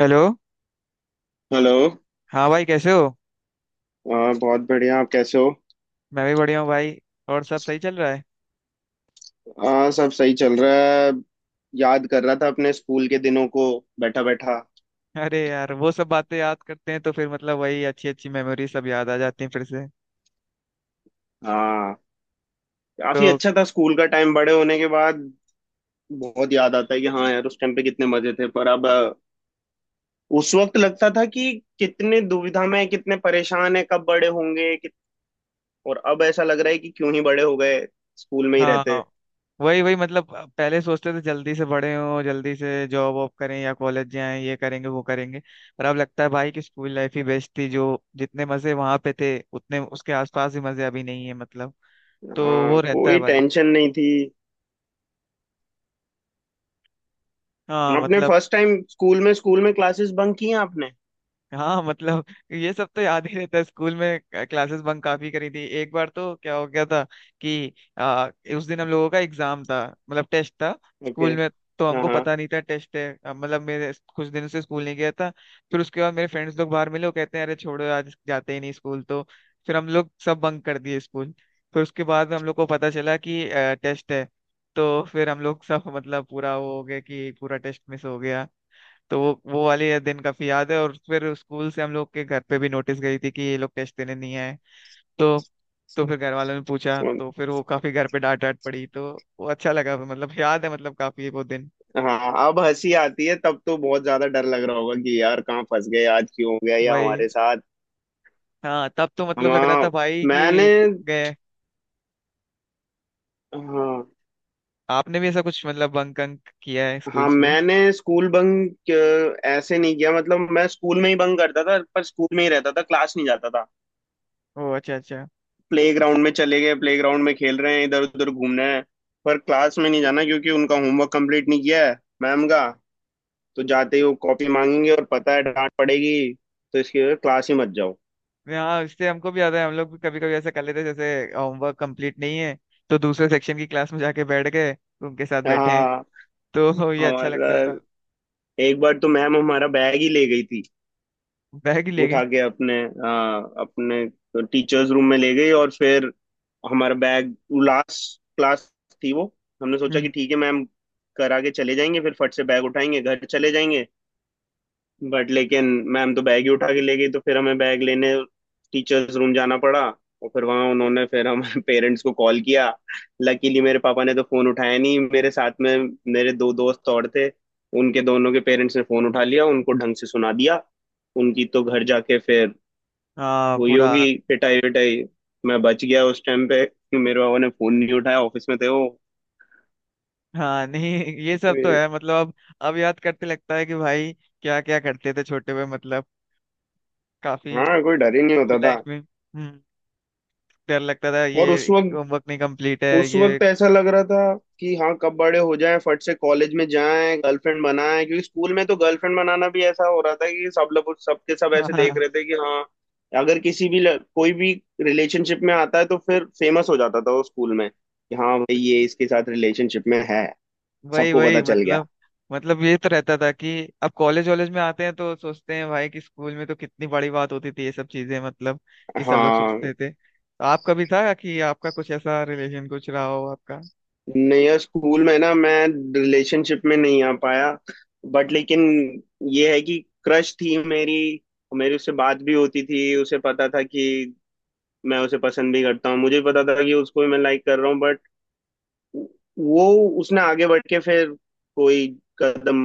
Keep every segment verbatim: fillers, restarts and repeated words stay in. Hello. Hello. हाँ भाई कैसे हो। आ, बहुत बढ़िया, आप कैसे हो। मैं भी बढ़िया हूँ भाई। और सब सही चल रहा है। आ, सब सही चल रहा है। याद कर रहा था अपने स्कूल के दिनों को, बैठा बैठा। अरे यार वो सब बातें याद करते हैं तो फिर मतलब वही अच्छी अच्छी मेमोरी सब याद आ जाती हैं फिर से। हाँ, काफी तो अच्छा था स्कूल का टाइम। बड़े होने के बाद बहुत याद आता है कि हाँ यार, उस टाइम पे कितने मजे थे, पर अब अ, उस वक्त लगता था कि कितने दुविधा में हैं, कितने परेशान है, कब बड़े होंगे कि। और अब ऐसा लग रहा है कि क्यों ही बड़े हो गए, स्कूल में ही रहते। हाँ वही वही मतलब पहले सोचते थे जल्दी से बड़े हों जल्दी से जॉब वॉब करें या कॉलेज जाएं ये करेंगे वो करेंगे। पर अब लगता है भाई कि स्कूल लाइफ ही बेस्ट थी, जो जितने मजे वहां पे थे उतने उसके आसपास ही मजे अभी नहीं है मतलब। तो हाँ, वो रहता कोई है भाई। टेंशन नहीं थी। हाँ आपने मतलब। फर्स्ट टाइम स्कूल में स्कूल में क्लासेस बंक की हैं आपने? हाँ मतलब ये सब तो याद ही रहता है। स्कूल में क्लासेस बंक काफी करी थी। एक बार तो क्या हो गया था कि आ, उस दिन हम लोगों का एग्जाम था, मतलब टेस्ट था ओके। स्कूल में। तो हाँ हमको हाँ। पता नहीं था टेस्ट है। अ, मतलब मेरे कुछ दिनों से स्कूल नहीं गया था। फिर उसके बाद मेरे फ्रेंड्स लोग बाहर मिले, वो कहते हैं अरे छोड़ो आज जाते ही नहीं स्कूल। तो फिर हम लोग सब बंक कर दिए स्कूल। फिर उसके बाद हम लोग को पता चला कि टेस्ट है। तो फिर हम लोग सब मतलब पूरा वो हो गया कि पूरा टेस्ट मिस हो गया। तो वो वो वाले ये दिन काफी याद है। और फिर स्कूल से हम लोग के घर पे भी नोटिस गई थी कि ये लोग टेस्ट देने नहीं आए। तो तो फिर घर वालों ने पूछा सुन। तो फिर वो काफी घर पे डांट डांट पड़ी। तो वो अच्छा लगा मतलब याद है मतलब काफी वो दिन। हाँ, अब हंसी आती है, तब तो बहुत ज्यादा डर लग रहा होगा कि यार कहाँ फंस गए, आज क्यों हो गया या वही। हमारे साथ। हाँ तब तो हम मतलब लग रहा था हाँ, भाई कि मैंने। गए। हाँ आपने भी ऐसा कुछ मतलब बंक अंक किया है स्कूल हाँ, स्कूल। मैंने स्कूल बंक ऐसे नहीं किया। मतलब मैं स्कूल में ही बंक करता था, पर स्कूल में ही रहता था, क्लास नहीं जाता था। ओ अच्छा अच्छा। प्ले ग्राउंड में चले गए, प्ले ग्राउंड में खेल रहे हैं, इधर उधर घूमना है, पर क्लास में नहीं जाना क्योंकि उनका होमवर्क कंप्लीट नहीं किया है, मैम का। तो जाते ही वो कॉपी मांगेंगे और पता है डांट पड़ेगी। तो इसकी वजह से क्लास ही मत जाओ। हाँ इससे हमको भी याद है, हम लोग भी कभी कभी ऐसा कर लेते जैसे होमवर्क कंप्लीट नहीं है तो दूसरे सेक्शन की क्लास में जाके बैठ गए, उनके साथ बैठे हैं। हाँ, तो ये अच्छा हमारा लगता था। एक बार तो मैम हमारा बैग ही ले गई थी। बैग ही ले गई। उठा के अपने अ, अपने टीचर्स रूम में ले गई। और फिर हमारा बैग, लास्ट क्लास थी वो। हमने सोचा कि हम्म। ठीक है, मैम करा के चले जाएंगे, फिर फट से बैग उठाएंगे, घर चले जाएंगे। बट लेकिन मैम तो बैग ही उठा के ले गई, तो फिर हमें बैग लेने टीचर्स रूम जाना पड़ा। और फिर वहां उन्होंने फिर हम पेरेंट्स को कॉल किया। लकीली मेरे पापा ने तो फोन उठाया नहीं। मेरे साथ में मेरे दो दोस्त और थे, उनके दोनों के पेरेंट्स ने फोन उठा लिया, उनको ढंग से सुना दिया। उनकी तो घर जाके फिर हाँ हुई पूरा। होगी पिटाई विटाई। मैं बच गया उस टाइम पे, मेरे पापा ने फोन नहीं उठाया, ऑफिस में थे वो। हाँ नहीं, ये सब तो ए, है मतलब। अब अब याद करते लगता है कि भाई क्या क्या करते थे छोटे हुए मतलब काफी। हाँ, कोई डर ही नहीं स्कूल होता था। लाइफ में हम्म डर लगता था और ये उस वक्त, होमवर्क नहीं कंप्लीट है उस ये। वक्त ऐसा लग रहा था कि हाँ, कब बड़े हो जाएं, फट से कॉलेज में जाएं, गर्लफ्रेंड बनाएं। क्योंकि स्कूल में तो गर्लफ्रेंड बनाना भी ऐसा हो रहा था कि सब लोग, सबके सब ऐसे देख हाँ, रहे थे कि हाँ, अगर किसी भी ल- कोई भी रिलेशनशिप में आता है तो फिर फेमस हो जाता था वो स्कूल में कि हाँ भाई, ये इसके साथ रिलेशनशिप में है, वही सबको वही पता चल गया। मतलब। मतलब ये तो रहता था कि अब कॉलेज वॉलेज में आते हैं तो सोचते हैं भाई कि स्कूल में तो कितनी बड़ी बात होती थी ये सब चीजें मतलब। कि सब लोग हाँ, सोचते थे, तो आपका भी था कि आपका कुछ ऐसा रिलेशन कुछ रहा हो आपका। नहीं यार, स्कूल में ना मैं रिलेशनशिप में नहीं आ पाया। बट लेकिन ये है कि क्रश थी मेरी। मेरी उससे बात भी होती थी, उसे पता था कि मैं उसे पसंद भी करता हूँ, मुझे भी पता था कि उसको भी मैं लाइक कर रहा हूँ। बट वो, उसने आगे बढ़ के फिर कोई कदम,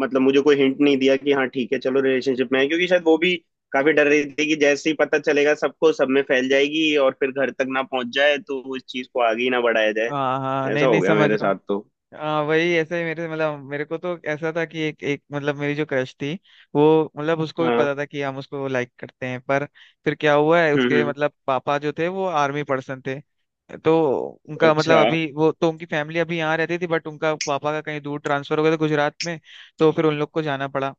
मतलब मुझे कोई हिंट नहीं दिया कि हाँ ठीक है, चलो रिलेशनशिप में है। क्योंकि शायद वो भी काफी डर रही थी कि जैसे ही पता चलेगा सबको, सब में फैल जाएगी और फिर घर तक ना पहुंच जाए, तो इस चीज को आगे ही ना बढ़ाया जाए। हाँ हाँ, नहीं ऐसा हो नहीं, गया समझ मेरे रहा हूँ। साथ तो। हाँ वही ऐसे ही मेरे मतलब मेरे को तो ऐसा था कि एक एक मतलब मेरी जो क्रश थी वो मतलब उसको भी हाँ। पता था कि हम उसको लाइक करते हैं। पर फिर क्या हुआ है हम्म। उसके हम्म। मतलब पापा जो थे वो आर्मी पर्सन थे। तो उनका मतलब अच्छा। अभी वो तो उनकी फैमिली अभी यहाँ रहती थी बट उनका पापा का कहीं दूर ट्रांसफर हो गया था गुजरात में। तो फिर उन लोग को जाना पड़ा।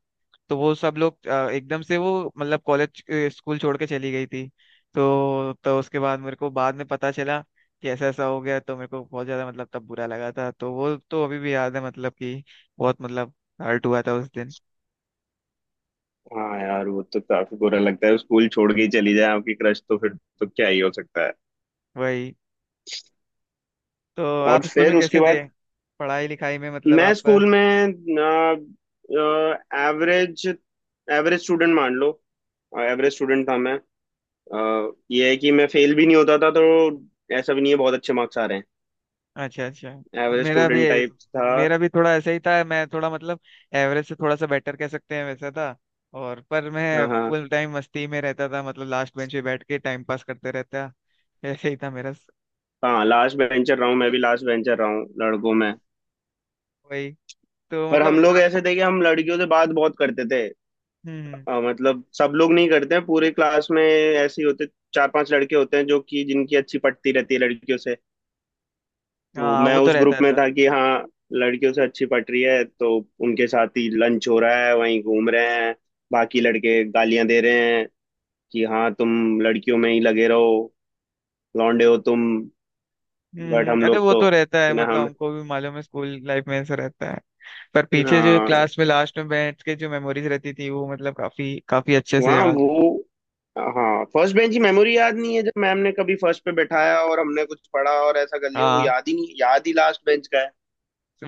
तो वो सब लोग अ, एकदम से वो मतलब कॉलेज स्कूल छोड़ के चली गई थी। तो तो उसके बाद मेरे को बाद में पता चला कि ऐसा ऐसा हो गया। तो मेरे को बहुत ज्यादा मतलब तब बुरा लगा था। तो वो तो अभी भी याद है मतलब कि बहुत मतलब हर्ट हुआ था उस दिन। हाँ यार, वो तो काफी बुरा लगता है, स्कूल छोड़ के ही चली जाए आपकी क्रश, तो फिर तो क्या ही हो सकता है। वही। तो और आप स्कूल में फिर उसके कैसे थे बाद पढ़ाई लिखाई में मतलब मैं आप। स्कूल में एवरेज एवरेज स्टूडेंट मान लो। एवरेज स्टूडेंट था मैं। अ, ये है कि मैं फेल भी नहीं होता था। तो ऐसा भी नहीं है बहुत अच्छे मार्क्स आ रहे अच्छा हैं, अच्छा। एवरेज मेरा भी स्टूडेंट टाइप था। मेरा भी थोड़ा ऐसा ही था। मैं थोड़ा मतलब एवरेज से थोड़ा सा बेटर कह सकते हैं वैसा था। और पर मैं हाँ हाँ। फुल टाइम मस्ती में रहता था, मतलब लास्ट बेंच पे बैठ के टाइम पास करते रहता। ऐसे ही था मेरा। हाँ, लास्ट बेंचर रहा हूँ, मैं भी लास्ट बेंचर रहा हूँ लड़कों में। वही। तो पर मतलब हम लोग लास्ट। ऐसे थे कि हम लड़कियों से बात बहुत करते थे। हम्म हम्म। अ, मतलब सब लोग नहीं करते हैं पूरे क्लास में, ऐसे ही होते चार पांच लड़के होते हैं जो कि जिनकी अच्छी पटती रहती है लड़कियों से। तो हाँ मैं वो तो उस ग्रुप रहता में था। था कि हाँ, लड़कियों से अच्छी पट रही है, तो उनके साथ ही लंच हो रहा है, वहीं घूम रहे हैं। बाकी लड़के गालियां दे रहे हैं कि हाँ तुम लड़कियों में ही लगे रहो, लौंडे हो तुम। बट हम्म हम अरे लोग वो तो, तो रहता है है ना मतलब हम। हमको भी मालूम है स्कूल लाइफ में ऐसा रहता है। पर पीछे जो हाँ क्लास में लास्ट में बैठ के जो मेमोरीज रहती थी वो मतलब काफी काफी अच्छे से वहाँ याद है। वो, हाँ, फर्स्ट बेंच की मेमोरी याद नहीं है। जब मैम ने कभी फर्स्ट पे बैठाया और हमने कुछ पढ़ा और ऐसा कर लिया, वो हाँ याद ही नहीं। याद ही लास्ट बेंच का है।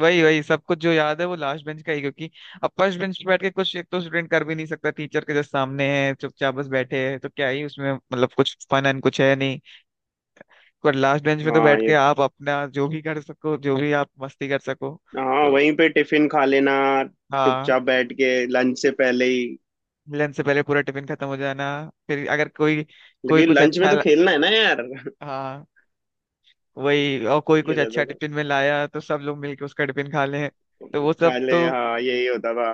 वही वही सब कुछ जो याद है वो लास्ट बेंच का ही। क्योंकि अब फर्स्ट बेंच पे बैठ के कुछ एक तो स्टूडेंट कर भी नहीं सकता, टीचर के जस्ट सामने है, चुपचाप बस बैठे हैं, तो क्या ही उसमें मतलब कुछ फन एंड कुछ है नहीं। पर लास्ट बेंच पे तो हाँ बैठ के ये, आप अपना जो भी कर सको जो भी आप मस्ती कर सको। हाँ, तो वहीं पे टिफिन खा लेना हाँ चुपचाप, बैठ के लंच से पहले ही। लंच से पहले पूरा टिफिन खत्म हो जाना। फिर अगर कोई कोई लेकिन कुछ लंच में अच्छा। तो खेलना है ना यार। हाँ वही, और कोई ये कुछ रहता अच्छा था। टिफिन में लाया तो सब लोग मिलके उसका टिफिन खा लें। तो वो सब खा ले, तो। हाँ यही होता था।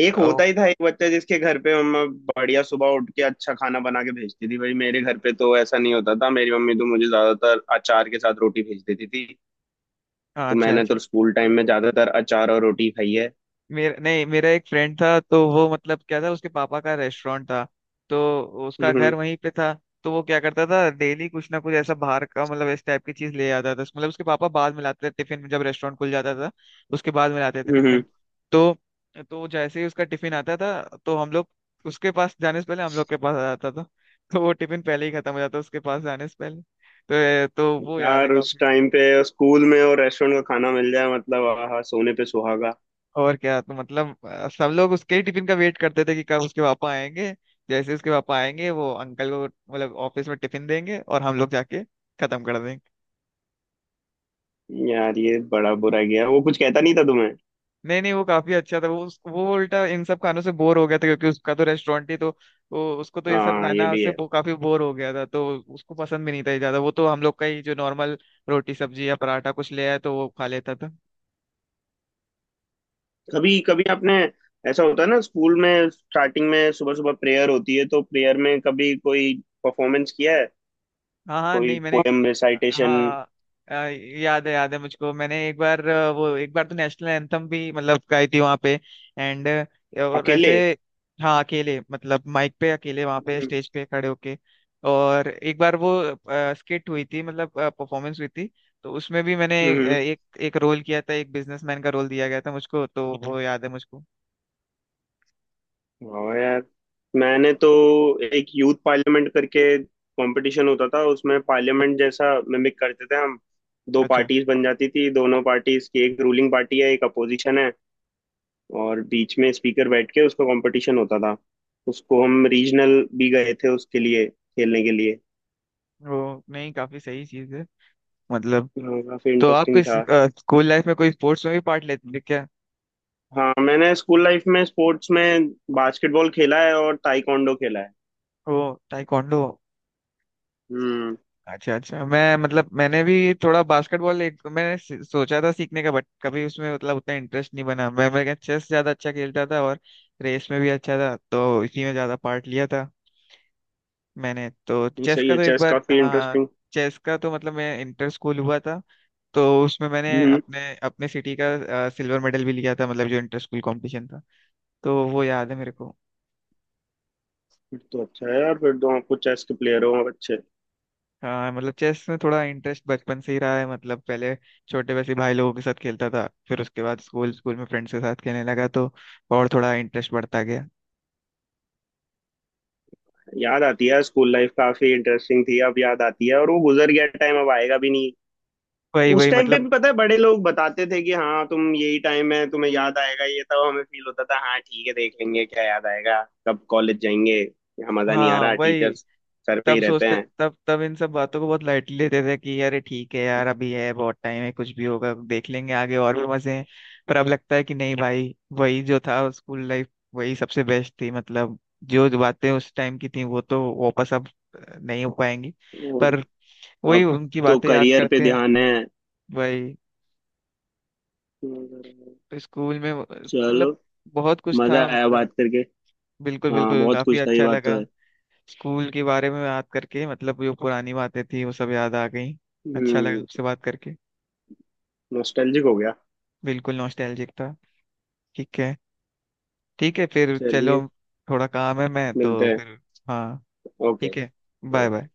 एक ओ, होता ही था एक बच्चा जिसके घर पे मम्मा बढ़िया सुबह उठ के अच्छा खाना बना के भेजती थी। भाई, मेरे घर पे तो ऐसा नहीं होता था, मेरी मम्मी तो मुझे ज्यादातर अचार के साथ रोटी भेज देती थी। हाँ तो अच्छा मैंने अच्छा। तो स्कूल टाइम में ज्यादातर अचार और रोटी खाई है। मेरा नहीं, मेरा एक फ्रेंड था तो वो मतलब क्या था उसके पापा का रेस्टोरेंट था। तो उसका हम्म। घर वहीं पे था। तो वो क्या करता था डेली कुछ ना कुछ ऐसा बाहर का मतलब इस टाइप की चीज ले आता था। मतलब उसके पापा बाद में लाते थे टिफिन में जब रेस्टोरेंट खुल जाता था उसके बाद में लाते थे हम्म। हम्म। टिफिन। तो तो जैसे ही उसका टिफिन आता था तो हम लोग उसके पास जाने से पहले हम लोग के पास आ जाता था। तो वो टिफिन पहले ही खत्म हो जाता उसके पास जाने से पहले। तो तो वो याद है यार, उस काफी टाइम मतलब। पे स्कूल में और रेस्टोरेंट का खाना मिल जाए, मतलब आहा, सोने पे सुहागा। और क्या। तो मतलब अ, सब लोग उसके ही टिफिन का वेट करते थे कि कब उसके पापा आएंगे। जैसे उसके पापा आएंगे वो अंकल को मतलब ऑफिस में टिफिन देंगे और हम लोग जाके खत्म कर देंगे। यार ये बड़ा बुरा गया, वो कुछ कहता नहीं था तुम्हें? नहीं नहीं, वो काफी अच्छा था। वो उस- वो उल्टा इन सब खानों से बोर हो गया था क्योंकि उसका तो रेस्टोरेंट ही तो। वो उसको तो ये सब हाँ, ये खाना भी से है। वो काफी बोर हो गया था। तो उसको पसंद भी नहीं था ये ज्यादा। वो तो हम लोग का ही जो नॉर्मल रोटी सब्जी या पराठा कुछ ले आया तो वो खा लेता था। कभी कभी आपने, ऐसा होता है ना स्कूल में स्टार्टिंग में सुबह सुबह प्रेयर होती है, तो प्रेयर में कभी कोई परफॉर्मेंस किया है? हाँ हाँ, कोई नहीं मैंने। पोएम रिसाइटेशन, हाँ अ, याद है याद है मुझको। मैंने एक बार अ, वो एक बार तो नेशनल एंथम भी मतलब गाई थी वहाँ पे। एंड और अकेले? ऐसे। हाँ अकेले मतलब माइक पे अकेले वहाँ पे हम्म। स्टेज पे खड़े होके। और एक बार वो स्किट हुई थी मतलब परफॉर्मेंस हुई थी। तो उसमें भी मैंने अ, हम्म। एक एक रोल किया था। एक बिजनेसमैन का रोल दिया गया था मुझको, तो वो याद है मुझको। वाह यार, मैंने तो एक यूथ पार्लियामेंट करके कंपटीशन होता था उसमें, पार्लियामेंट जैसा मिमिक करते थे हम। दो अच्छा पार्टीज बन जाती थी, दोनों पार्टीज की, एक रूलिंग पार्टी है एक अपोजिशन है, और बीच में स्पीकर बैठ के उसका कंपटीशन होता था। उसको हम रीजनल भी गए थे उसके लिए खेलने के लिए। वो नहीं, काफी सही चीज है मतलब। हाँ, काफी तो आप इंटरेस्टिंग किस था। स्कूल लाइफ में कोई स्पोर्ट्स में भी पार्ट लेते थे क्या। हाँ, मैंने स्कूल लाइफ में स्पोर्ट्स में बास्केटबॉल खेला है और ताइक्वांडो खेला है। ओ ताइक्वांडो। हम्म। अच्छा अच्छा। मैं मतलब मैंने भी थोड़ा बास्केटबॉल एक मैंने सि- सोचा था सीखने का, बट कभी उसमें मतलब उतना इंटरेस्ट नहीं बना। मैं मैं चेस ज्यादा अच्छा खेलता था, और रेस में भी अच्छा था तो इसी में ज्यादा पार्ट लिया था। मैंने तो नहीं, चेस सही का है, तो एक चेस बार काफी हाँ इंटरेस्टिंग। चेस का तो मतलब मैं इंटर स्कूल हुआ था। तो उसमें मैंने हम्म। अपने अपने सिटी का सिल्वर मेडल भी लिया था मतलब जो इंटर स्कूल कॉम्पिटिशन था। तो वो याद है मेरे को। फिर तो अच्छा है यार, फिर तो आप कुछ चेस के प्लेयर हो आप, अच्छे। हाँ मतलब चेस में थोड़ा इंटरेस्ट बचपन से ही रहा है। मतलब पहले छोटे वैसे भाई लोगों के साथ खेलता था, फिर उसके बाद स्कूल स्कूल में फ्रेंड्स के साथ खेलने लगा तो और थोड़ा इंटरेस्ट बढ़ता गया। याद आती है स्कूल लाइफ, काफी इंटरेस्टिंग थी, अब याद आती है, और वो गुजर गया टाइम अब आएगा भी नहीं। वही उस वही टाइम पे मतलब। भी पता है बड़े लोग बताते थे कि हाँ तुम, यही टाइम है तुम्हें याद आएगा ये, तब हमें फील होता था, हाँ ठीक है देख लेंगे क्या याद आएगा, कब कॉलेज जाएंगे, यहाँ मजा नहीं आ हाँ रहा, वही टीचर्स सर पे तब ही रहते सोचते, हैं। तब तब इन सब बातों को बहुत लाइटली लेते थे कि अरे ठीक है यार, अभी है बहुत टाइम है, कुछ भी होगा देख लेंगे, आगे और भी मजे हैं। पर अब लगता है कि नहीं भाई, वही जो था स्कूल लाइफ वही सबसे बेस्ट थी मतलब। जो जो बातें उस टाइम की थी वो तो वापस अब नहीं हो पाएंगी। और पर वही अब उनकी तो बातें याद करियर पे करते हैं ध्यान है। भाई। तो स्कूल में वो- मतलब चलो, बहुत कुछ मजा था आया मतलब। बात करके। बिल्कुल हाँ, बिल्कुल बहुत काफी कुछ था, ये अच्छा बात लगा तो है। स्कूल के बारे में याद करके। मतलब जो पुरानी बातें थी वो सब याद आ गई। अच्छा लगा हम्म। आपसे बात करके। नॉस्टैल्जिक हो गया। बिल्कुल नॉस्टैल्जिक था। ठीक है। ठीक है फिर चलो। चलिए, थोड़ा काम है मैं मिलते तो हैं। फिर। हाँ। ओके। ठीक है। Bye okay. बाय।